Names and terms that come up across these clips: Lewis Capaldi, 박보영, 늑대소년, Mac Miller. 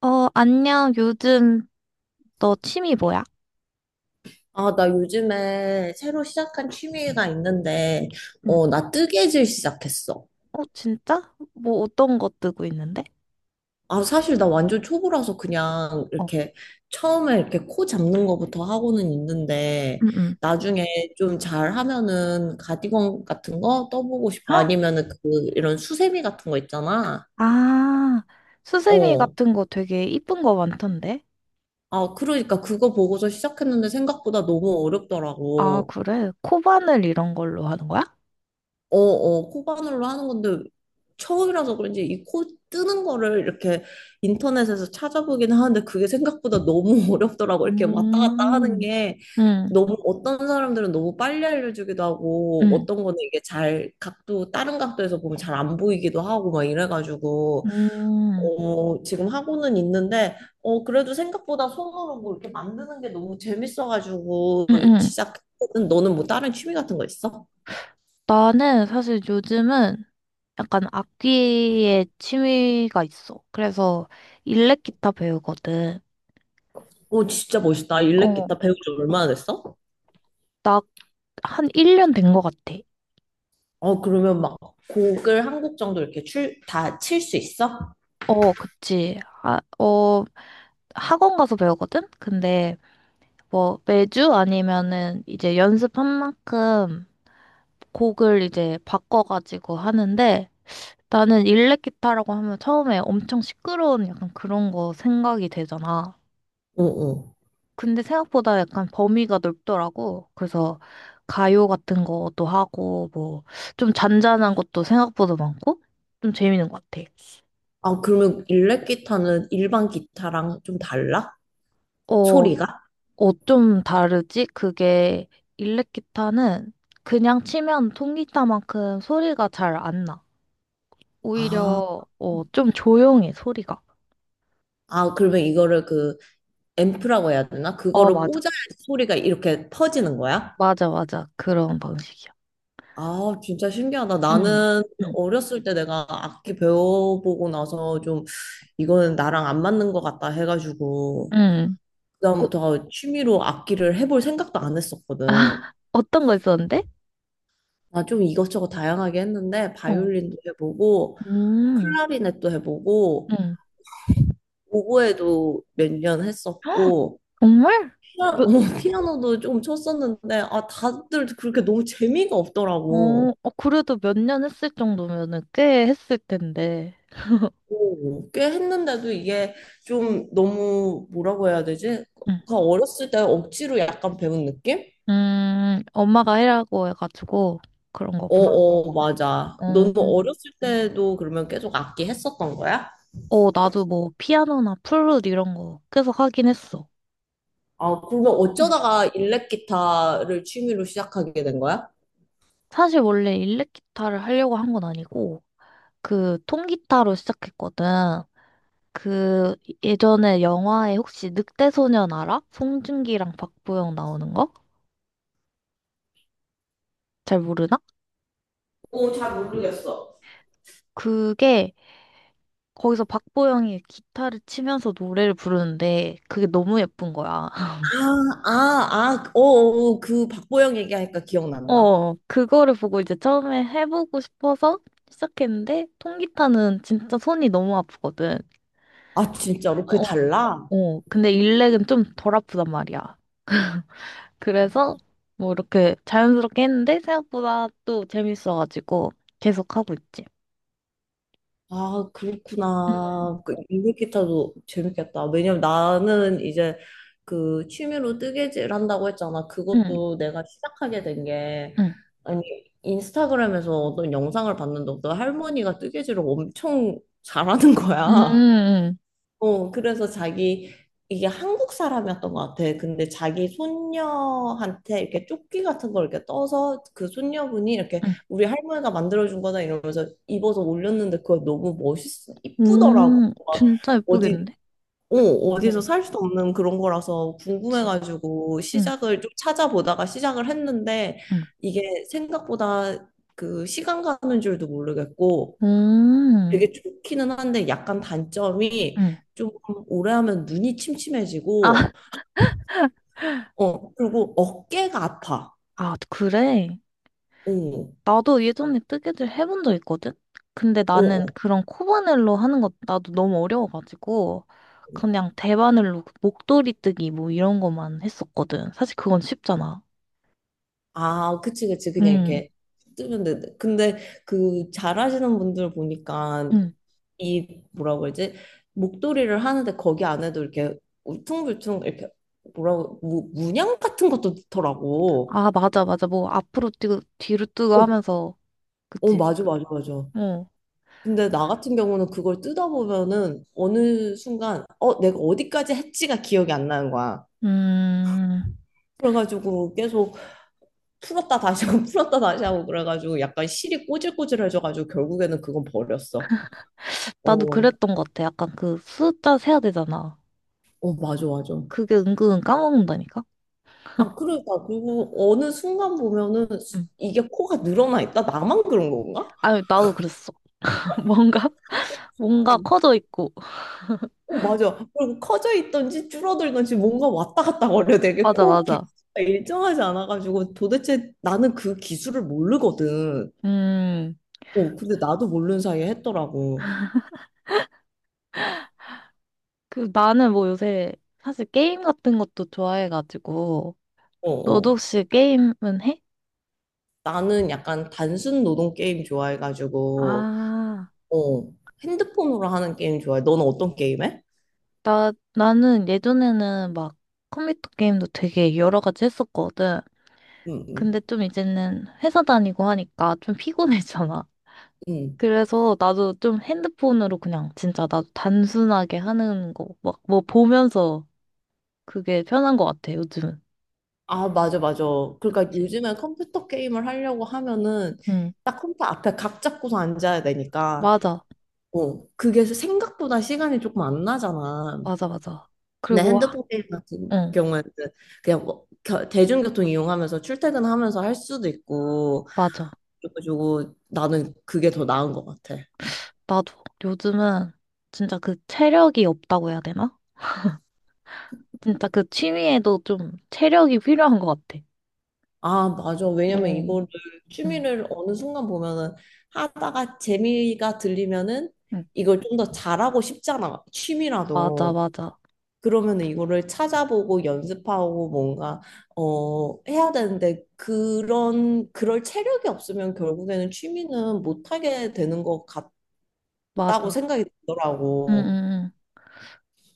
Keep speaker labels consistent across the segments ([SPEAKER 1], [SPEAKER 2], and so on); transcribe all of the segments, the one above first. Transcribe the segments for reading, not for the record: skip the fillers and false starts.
[SPEAKER 1] 어, 안녕. 요즘 너 취미 뭐야?
[SPEAKER 2] 아, 나 요즘에 새로 시작한 취미가 있는데,
[SPEAKER 1] 응.
[SPEAKER 2] 나 뜨개질 시작했어.
[SPEAKER 1] 어, 진짜? 뭐 어떤 거 뜨고 있는데?
[SPEAKER 2] 아, 사실 나 완전 초보라서 그냥
[SPEAKER 1] 어.
[SPEAKER 2] 이렇게 처음에 이렇게 코 잡는 거부터 하고는 있는데,
[SPEAKER 1] 응, 응.
[SPEAKER 2] 나중에 좀 잘하면은 가디건 같은 거 떠보고 싶어.
[SPEAKER 1] 헉!
[SPEAKER 2] 아니면은 그, 이런 수세미 같은 거 있잖아.
[SPEAKER 1] 아, 수세미
[SPEAKER 2] 어.
[SPEAKER 1] 같은 거 되게 이쁜 거 많던데?
[SPEAKER 2] 아, 그러니까 그거 보고서 시작했는데 생각보다 너무
[SPEAKER 1] 아,
[SPEAKER 2] 어렵더라고.
[SPEAKER 1] 그래? 코바늘 이런 걸로 하는 거야?
[SPEAKER 2] 코바늘로 하는 건데 처음이라서 그런지 이 코 뜨는 거를 이렇게 인터넷에서 찾아보긴 하는데 그게 생각보다 너무 어렵더라고. 이렇게 왔다 갔다 하는
[SPEAKER 1] 음,
[SPEAKER 2] 게
[SPEAKER 1] 응,
[SPEAKER 2] 너무 어떤 사람들은 너무 빨리 알려주기도 하고
[SPEAKER 1] 응,
[SPEAKER 2] 어떤 거는 이게 잘 각도 다른 각도에서 보면 잘 안 보이기도 하고 막 이래가지고
[SPEAKER 1] 음,
[SPEAKER 2] 지금 하고는 있는데 그래도 생각보다 손으로 뭐 이렇게 만드는 게 너무 재밌어가지고
[SPEAKER 1] 응, 응.
[SPEAKER 2] 시작. 너는 뭐 다른 취미 같은 거 있어?
[SPEAKER 1] 나는 사실 요즘은 약간 악기에 취미가 있어. 그래서 일렉 기타 배우거든.
[SPEAKER 2] 오, 진짜 멋있다. 일렉
[SPEAKER 1] 어.
[SPEAKER 2] 기타 배운 지 얼마나 됐어?
[SPEAKER 1] 나 한 1년 된 거 같아.
[SPEAKER 2] 그러면 곡을 한 곡 정도 이렇게 다 칠 수 있어?
[SPEAKER 1] 어, 그치. 아, 어, 학원 가서 배우거든? 근데 뭐 매주 아니면은 이제 연습한 만큼 곡을 이제 바꿔가지고 하는데 나는 일렉 기타라고 하면 처음에 엄청 시끄러운 약간 그런 거 생각이 되잖아.
[SPEAKER 2] 어, 어.
[SPEAKER 1] 근데 생각보다 약간 범위가 넓더라고. 그래서 가요 같은 것도 하고 뭐 좀 잔잔한 것도 생각보다 많고 좀 재밌는 것 같아.
[SPEAKER 2] 아, 그러면 일렉 기타는 일반 기타랑 좀 달라?
[SPEAKER 1] 어,
[SPEAKER 2] 소리가?
[SPEAKER 1] 어, 좀 다르지? 그게 일렉 기타는 그냥 치면 통기타만큼 소리가 잘 안 나.
[SPEAKER 2] 아,
[SPEAKER 1] 오히려 어, 좀 조용해, 소리가.
[SPEAKER 2] 아, 그러면 이거를 그 앰프라고 해야 되나?
[SPEAKER 1] 어,
[SPEAKER 2] 그거를
[SPEAKER 1] 맞아.
[SPEAKER 2] 꽂아야 소리가 이렇게 퍼지는 거야?
[SPEAKER 1] 맞아, 맞아. 그런 방식이야.
[SPEAKER 2] 아, 진짜 신기하다.
[SPEAKER 1] 응,
[SPEAKER 2] 나는
[SPEAKER 1] 응,
[SPEAKER 2] 어렸을 때 내가 악기 배워보고 나서 좀 이거는 나랑 안 맞는 것 같다 해가지고
[SPEAKER 1] 응. 어,
[SPEAKER 2] 그다음부터 취미로 악기를 해볼 생각도 안 했었거든.
[SPEAKER 1] 어떤 거 있었는데?
[SPEAKER 2] 나 좀 이것저것 다양하게 했는데
[SPEAKER 1] 어,
[SPEAKER 2] 바이올린도 해보고
[SPEAKER 1] 음,
[SPEAKER 2] 클라리넷도 해보고
[SPEAKER 1] 응.
[SPEAKER 2] 오보에도 몇 년 했었고
[SPEAKER 1] 정말?
[SPEAKER 2] 피아, 어,
[SPEAKER 1] 몇,
[SPEAKER 2] 피아노도 좀 쳤었는데 아 다들 그렇게 너무 재미가 없더라고.
[SPEAKER 1] 어, 어, 그래도 몇 년 했을 정도면은 꽤 했을 텐데.
[SPEAKER 2] 오, 꽤 했는데도 이게 좀 너무 뭐라고 해야 되지?
[SPEAKER 1] 응.
[SPEAKER 2] 그 어렸을 때 억지로 약간 배운 느낌?
[SPEAKER 1] 엄마가 해라고 해가지고 그런
[SPEAKER 2] 어,
[SPEAKER 1] 거구나.
[SPEAKER 2] 어, 맞아.
[SPEAKER 1] 어.
[SPEAKER 2] 너는 어렸을 때도 그러면 계속 악기 했었던 거야?
[SPEAKER 1] 어, 나도 뭐 피아노나 플룻 이런 거 계속 하긴 했어.
[SPEAKER 2] 아, 그러면
[SPEAKER 1] 음.
[SPEAKER 2] 어쩌다가 일렉 기타를 취미로 시작하게 된 거야?
[SPEAKER 1] 사실 원래 일렉 기타를 하려고 한 건 아니고 그 통기타로 시작했거든. 그 예전에 영화에 혹시 늑대소년 알아? 송중기랑 박보영 나오는 거? 잘 모르나?
[SPEAKER 2] 오, 잘 모르겠어.
[SPEAKER 1] 그게 거기서 박보영이 기타를 치면서 노래를 부르는데 그게 너무 예쁜 거야.
[SPEAKER 2] 아, 아, 아, 어, 어, 그 박보영 얘기하니까 기억난다.
[SPEAKER 1] 어, 그거를 보고 이제 처음에 해보고 싶어서 시작했는데 통기타는 진짜 손이 너무 아프거든.
[SPEAKER 2] 아, 진짜로? 그게
[SPEAKER 1] 어,
[SPEAKER 2] 달라?
[SPEAKER 1] 어. 근데 일렉은 좀 덜 아프단 말이야. 그래서 뭐 이렇게 자연스럽게 했는데 생각보다 또 재밌어가지고 계속 하고 있지.
[SPEAKER 2] 아,
[SPEAKER 1] 음,
[SPEAKER 2] 그렇구나. 그 일렉 기타도 재밌겠다. 왜냐면 나는 이제 그 취미로 뜨개질 한다고 했잖아.
[SPEAKER 1] 음,
[SPEAKER 2] 그것도 내가 시작하게 된 게,
[SPEAKER 1] 음,
[SPEAKER 2] 아니, 인스타그램에서 어떤 영상을 봤는데 어떤 할머니가 뜨개질을 엄청 잘하는 거야.
[SPEAKER 1] 음,
[SPEAKER 2] 그래서 자기, 이게 한국 사람이었던 것 같아. 근데 자기 손녀한테 이렇게 조끼 같은 걸 이렇게 떠서 그 손녀분이 이렇게
[SPEAKER 1] 음,
[SPEAKER 2] 우리 할머니가 만들어준 거다 이러면서 입어서 올렸는데 그거 너무 멋있어. 이쁘더라고. 막
[SPEAKER 1] 진짜
[SPEAKER 2] 어디,
[SPEAKER 1] 예쁘겠네.
[SPEAKER 2] 어디서
[SPEAKER 1] 응,
[SPEAKER 2] 살 수도 없는 그런 거라서
[SPEAKER 1] 그치.
[SPEAKER 2] 궁금해가지고
[SPEAKER 1] 응,
[SPEAKER 2] 시작을 좀 찾아보다가 시작을 했는데
[SPEAKER 1] 응,
[SPEAKER 2] 이게 생각보다 그 시간 가는 줄도 모르겠고
[SPEAKER 1] 음,
[SPEAKER 2] 되게 좋기는 한데 약간 단점이
[SPEAKER 1] 응.
[SPEAKER 2] 좀 오래 하면 눈이 침침해지고,
[SPEAKER 1] 아,
[SPEAKER 2] 그리고 어깨가 아파.
[SPEAKER 1] 아, 그래.
[SPEAKER 2] 어,
[SPEAKER 1] 나도 예전에 뜨개질 해본 적 있거든? 근데
[SPEAKER 2] 어,
[SPEAKER 1] 나는
[SPEAKER 2] 어.
[SPEAKER 1] 그런 코바늘로 하는 것 나도 너무 어려워가지고 그냥 대바늘로 그 목도리 뜨기 뭐 이런 것만 했었거든. 사실 그건 쉽잖아.
[SPEAKER 2] 아, 그치, 그치. 그냥
[SPEAKER 1] 응,
[SPEAKER 2] 이렇게 뜨면 돼. 근데 그 잘하시는 분들 보니까
[SPEAKER 1] 응.
[SPEAKER 2] 이 뭐라고 그러지? 목도리를 하는데 거기 안에도 이렇게 울퉁불퉁 이렇게 문양 같은 것도 넣더라고.
[SPEAKER 1] 아, 맞아, 맞아. 뭐 앞으로 뛰고 뒤로 뛰고
[SPEAKER 2] 어,
[SPEAKER 1] 하면서
[SPEAKER 2] 어,
[SPEAKER 1] 그치?
[SPEAKER 2] 맞아, 맞아, 맞아.
[SPEAKER 1] 어.
[SPEAKER 2] 근데 나 같은 경우는 그걸 뜯어보면은 어느 순간, 내가 어디까지 했지가 기억이 안 나는 거야.
[SPEAKER 1] 음,
[SPEAKER 2] 그래가지고 계속 풀었다 다시 하고 풀었다 다시 하고 그래가지고 약간 실이 꼬질꼬질해져가지고 결국에는 그건 버렸어.
[SPEAKER 1] 나도
[SPEAKER 2] 어,
[SPEAKER 1] 그랬던 것 같아. 약간 그 숫자 세야 되잖아.
[SPEAKER 2] 어, 맞아, 맞아.
[SPEAKER 1] 그게 은근 까먹는다니까?
[SPEAKER 2] 아, 그러니까. 그리고 어느 순간 보면은
[SPEAKER 1] 응.
[SPEAKER 2] 이게 코가 늘어나 있다? 나만 그런 건가?
[SPEAKER 1] 아니, 나도 그랬어. 뭔가, 뭔가
[SPEAKER 2] 어,
[SPEAKER 1] 커져 있고.
[SPEAKER 2] 어, 맞아. 그리고 커져 있던지 줄어들던지 뭔가 왔다 갔다 거려. 되게
[SPEAKER 1] 맞아,
[SPEAKER 2] 코
[SPEAKER 1] 맞아.
[SPEAKER 2] 개수가 일정하지 않아가지고 도대체 나는 그 기술을 모르거든.
[SPEAKER 1] 음.
[SPEAKER 2] 근데 나도 모르는 사이에 했더라고.
[SPEAKER 1] 그 나는 뭐 요새 사실 게임 같은 것도 좋아해가지고
[SPEAKER 2] 어,
[SPEAKER 1] 너도
[SPEAKER 2] 어.
[SPEAKER 1] 혹시 게임은 해?
[SPEAKER 2] 나는 약간 단순 노동 게임 좋아해가지고,
[SPEAKER 1] 아,
[SPEAKER 2] 어, 핸드폰으로 하는 게임 좋아해. 너는 어떤 게임 해?
[SPEAKER 1] 나 나는 예전에는 막 컴퓨터 게임도 되게 여러 가지 했었거든.
[SPEAKER 2] 응, 응,
[SPEAKER 1] 근데 좀 이제는 회사 다니고 하니까 좀 피곤해잖아.
[SPEAKER 2] 응.
[SPEAKER 1] 그래서 나도 좀 핸드폰으로 그냥 진짜 나도 단순하게 하는 거 막 뭐 보면서 그게 편한 것 같아 요즘은.
[SPEAKER 2] 아, 맞아, 맞아. 그러니까
[SPEAKER 1] 그치.
[SPEAKER 2] 요즘에 컴퓨터 게임을 하려고 하면은
[SPEAKER 1] 응
[SPEAKER 2] 딱 컴퓨터 앞에 각 잡고서 앉아야 되니까.
[SPEAKER 1] 맞아
[SPEAKER 2] 그게 생각보다 시간이 조금 안 나잖아.
[SPEAKER 1] 맞아 맞아.
[SPEAKER 2] 근데
[SPEAKER 1] 그리고 와,
[SPEAKER 2] 핸드폰 게임 같은
[SPEAKER 1] 응
[SPEAKER 2] 경우에는 그냥 뭐 대중교통 이용하면서 출퇴근하면서 할 수도 있고,
[SPEAKER 1] 맞아.
[SPEAKER 2] 그래가지고 나는 그게 더 나은 것 같아.
[SPEAKER 1] 나도 요즘은 진짜 그 체력이 없다고 해야 되나? 진짜 그 취미에도 좀 체력이 필요한 것 같아.
[SPEAKER 2] 아, 맞아. 왜냐면
[SPEAKER 1] 어,
[SPEAKER 2] 이거를
[SPEAKER 1] 응,
[SPEAKER 2] 취미를 어느 순간 보면은 하다가 재미가 들리면은
[SPEAKER 1] 응.
[SPEAKER 2] 이걸 좀 더 잘하고 싶잖아.
[SPEAKER 1] 맞아,
[SPEAKER 2] 취미라도.
[SPEAKER 1] 맞아,
[SPEAKER 2] 그러면 이거를 찾아보고 연습하고 뭔가 해야 되는데 그런 그럴 체력이 없으면 결국에는 취미는 못 하게 되는 것 같다고
[SPEAKER 1] 맞아.
[SPEAKER 2] 생각이
[SPEAKER 1] 응, 응,
[SPEAKER 2] 들더라고.
[SPEAKER 1] 응.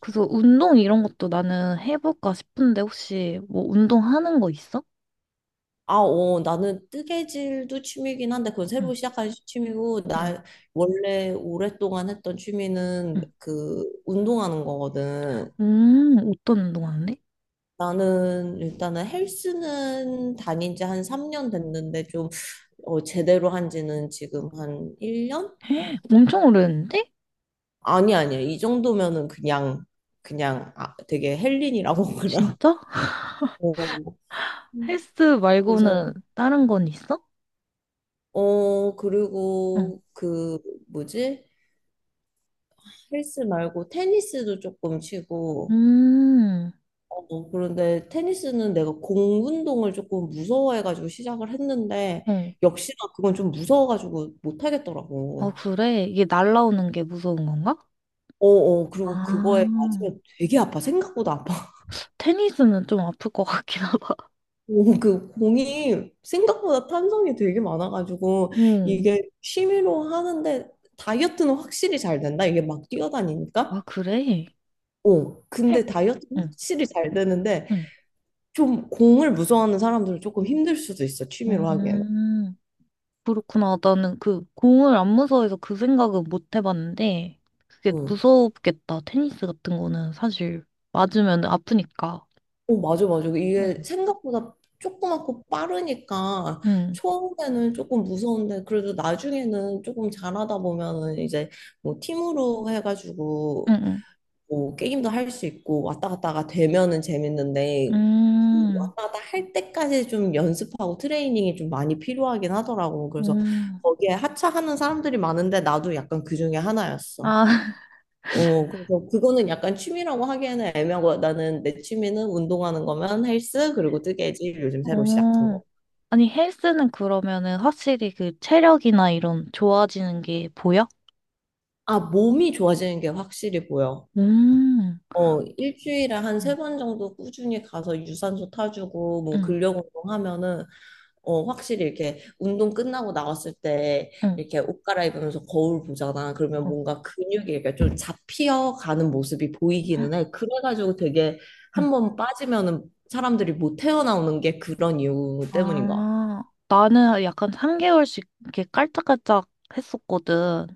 [SPEAKER 1] 그래서 운동 이런 것도 나는 해볼까 싶은데 혹시 뭐 운동하는 거 있어?
[SPEAKER 2] 나는 뜨개질도 취미긴 한데 그건
[SPEAKER 1] 응,
[SPEAKER 2] 새로 시작한 취미고
[SPEAKER 1] 응,
[SPEAKER 2] 나 원래 오랫동안 했던 취미는
[SPEAKER 1] 응.
[SPEAKER 2] 그 운동하는 거거든.
[SPEAKER 1] 어떤 운동 하는데?
[SPEAKER 2] 나는 일단은 헬스는 다닌 지 한 3년 됐는데 좀 제대로 한 지는 지금 한 1년?
[SPEAKER 1] 엄청 오래됐는데?
[SPEAKER 2] 아니 아니야. 이 정도면은 그냥 아, 되게 헬린이라고 그러나.
[SPEAKER 1] 진짜?
[SPEAKER 2] 어.
[SPEAKER 1] 헬스
[SPEAKER 2] 그래서
[SPEAKER 1] 말고는 다른 건 있어?
[SPEAKER 2] 어
[SPEAKER 1] 응.
[SPEAKER 2] 그리고 그 뭐지? 헬스 말고 테니스도 조금 치고
[SPEAKER 1] 음,
[SPEAKER 2] 그런데 테니스는 내가 공 운동을 조금 무서워해가지고 시작을 했는데
[SPEAKER 1] 어.
[SPEAKER 2] 역시나 그건 좀 무서워가지고
[SPEAKER 1] 아,
[SPEAKER 2] 못하겠더라고.
[SPEAKER 1] 그래? 이게 날라오는 게 무서운 건가?
[SPEAKER 2] 어어 그리고
[SPEAKER 1] 아,
[SPEAKER 2] 그거에 맞으면 되게 아파 생각보다 아파
[SPEAKER 1] 테니스는 좀 아플 것 같긴 하다.
[SPEAKER 2] 오, 그 공이 생각보다 탄성이 되게 많아가지고
[SPEAKER 1] 응.
[SPEAKER 2] 이게 취미로 하는데 다이어트는 확실히 잘 된다 이게 막
[SPEAKER 1] 아,
[SPEAKER 2] 뛰어다니니까
[SPEAKER 1] 그래?
[SPEAKER 2] 어 근데 다이어트는
[SPEAKER 1] 응,
[SPEAKER 2] 확실히 잘 되는데
[SPEAKER 1] 응.
[SPEAKER 2] 좀 공을 무서워하는 사람들은 조금 힘들 수도 있어 취미로 하기에는
[SPEAKER 1] 음, 그렇구나. 나는 그 공을 안 무서워해서 그 생각은 못 해봤는데, 그게
[SPEAKER 2] 어.
[SPEAKER 1] 무섭겠다. 테니스 같은 거는 사실 맞으면 아프니까.
[SPEAKER 2] 어, 맞아, 맞아. 이게
[SPEAKER 1] 응,
[SPEAKER 2] 생각보다 조그맣고 빠르니까
[SPEAKER 1] 응,
[SPEAKER 2] 처음에는 조금 무서운데 그래도 나중에는 조금 잘하다 보면은 이제 뭐 팀으로 해가지고
[SPEAKER 1] 응,
[SPEAKER 2] 뭐 게임도 할 수 있고 왔다 갔다가 되면은
[SPEAKER 1] 응.
[SPEAKER 2] 재밌는데 그 왔다 갔다 할 때까지 좀 연습하고 트레이닝이 좀 많이 필요하긴 하더라고. 그래서
[SPEAKER 1] 음.
[SPEAKER 2] 거기에 하차하는 사람들이 많은데 나도 약간 그 중에 하나였어.
[SPEAKER 1] 아,
[SPEAKER 2] 그래서 그거는 약간 취미라고 하기에는 애매하고 나는 내 취미는 운동하는 거면 헬스 그리고 뜨개질 요즘 새로 시작한
[SPEAKER 1] 어.
[SPEAKER 2] 거.
[SPEAKER 1] 아니, 헬스는 그러면은 확실히 그 체력이나 이런 좋아지는 게 보여?
[SPEAKER 2] 아, 몸이 좋아지는 게 확실히 보여.
[SPEAKER 1] 음.
[SPEAKER 2] 어, 일주일에 한 세 번 정도 꾸준히 가서 유산소 타주고 뭐
[SPEAKER 1] 응,
[SPEAKER 2] 근력 운동하면은 확실히 이렇게 운동 끝나고 나왔을 때
[SPEAKER 1] 응.
[SPEAKER 2] 이렇게 옷 갈아입으면서 거울 보잖아. 그러면
[SPEAKER 1] 어,
[SPEAKER 2] 뭔가 근육이 이렇게 좀 잡히어가는 모습이 보이기는 해. 그래가지고 되게
[SPEAKER 1] 응.
[SPEAKER 2] 한 번 빠지면은 사람들이 못 태어나오는 게 그런 이유 때문인 것 같아.
[SPEAKER 1] 아, 나는 약간 3개월씩 이렇게 깔짝깔짝 했었거든.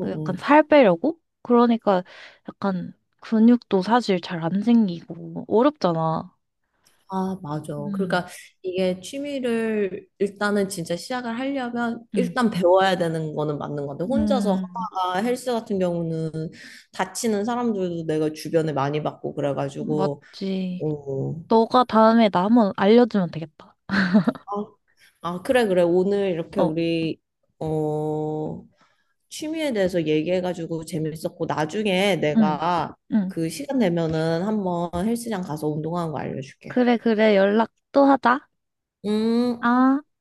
[SPEAKER 2] 응,
[SPEAKER 1] 약간
[SPEAKER 2] 응.
[SPEAKER 1] 살 빼려고? 그러니까 약간 근육도 사실 잘 안 생기고 어렵잖아.
[SPEAKER 2] 아, 맞아.
[SPEAKER 1] 음,
[SPEAKER 2] 그러니까 이게 취미를 일단은 진짜 시작을 하려면
[SPEAKER 1] 응,
[SPEAKER 2] 일단 배워야 되는 거는 맞는 건데 혼자서
[SPEAKER 1] 음,
[SPEAKER 2] 하다가 헬스 같은 경우는 다치는 사람들도 내가 주변에 많이 봤고 그래가지고
[SPEAKER 1] 맞지.
[SPEAKER 2] 어,
[SPEAKER 1] 너가 다음에 나 한번 알려주면 되겠다.
[SPEAKER 2] 아, 아, 그래, 그래. 오늘 이렇게
[SPEAKER 1] 어,
[SPEAKER 2] 우리, 어, 취미에 대해서 얘기해가지고 재밌었고, 나중에
[SPEAKER 1] 응,
[SPEAKER 2] 내가
[SPEAKER 1] 응.
[SPEAKER 2] 그 시간 되면은 한번 헬스장 가서 운동하는 거 알려줄게.
[SPEAKER 1] 그래, 그래. 연락 또 하자.
[SPEAKER 2] 음.
[SPEAKER 1] 아.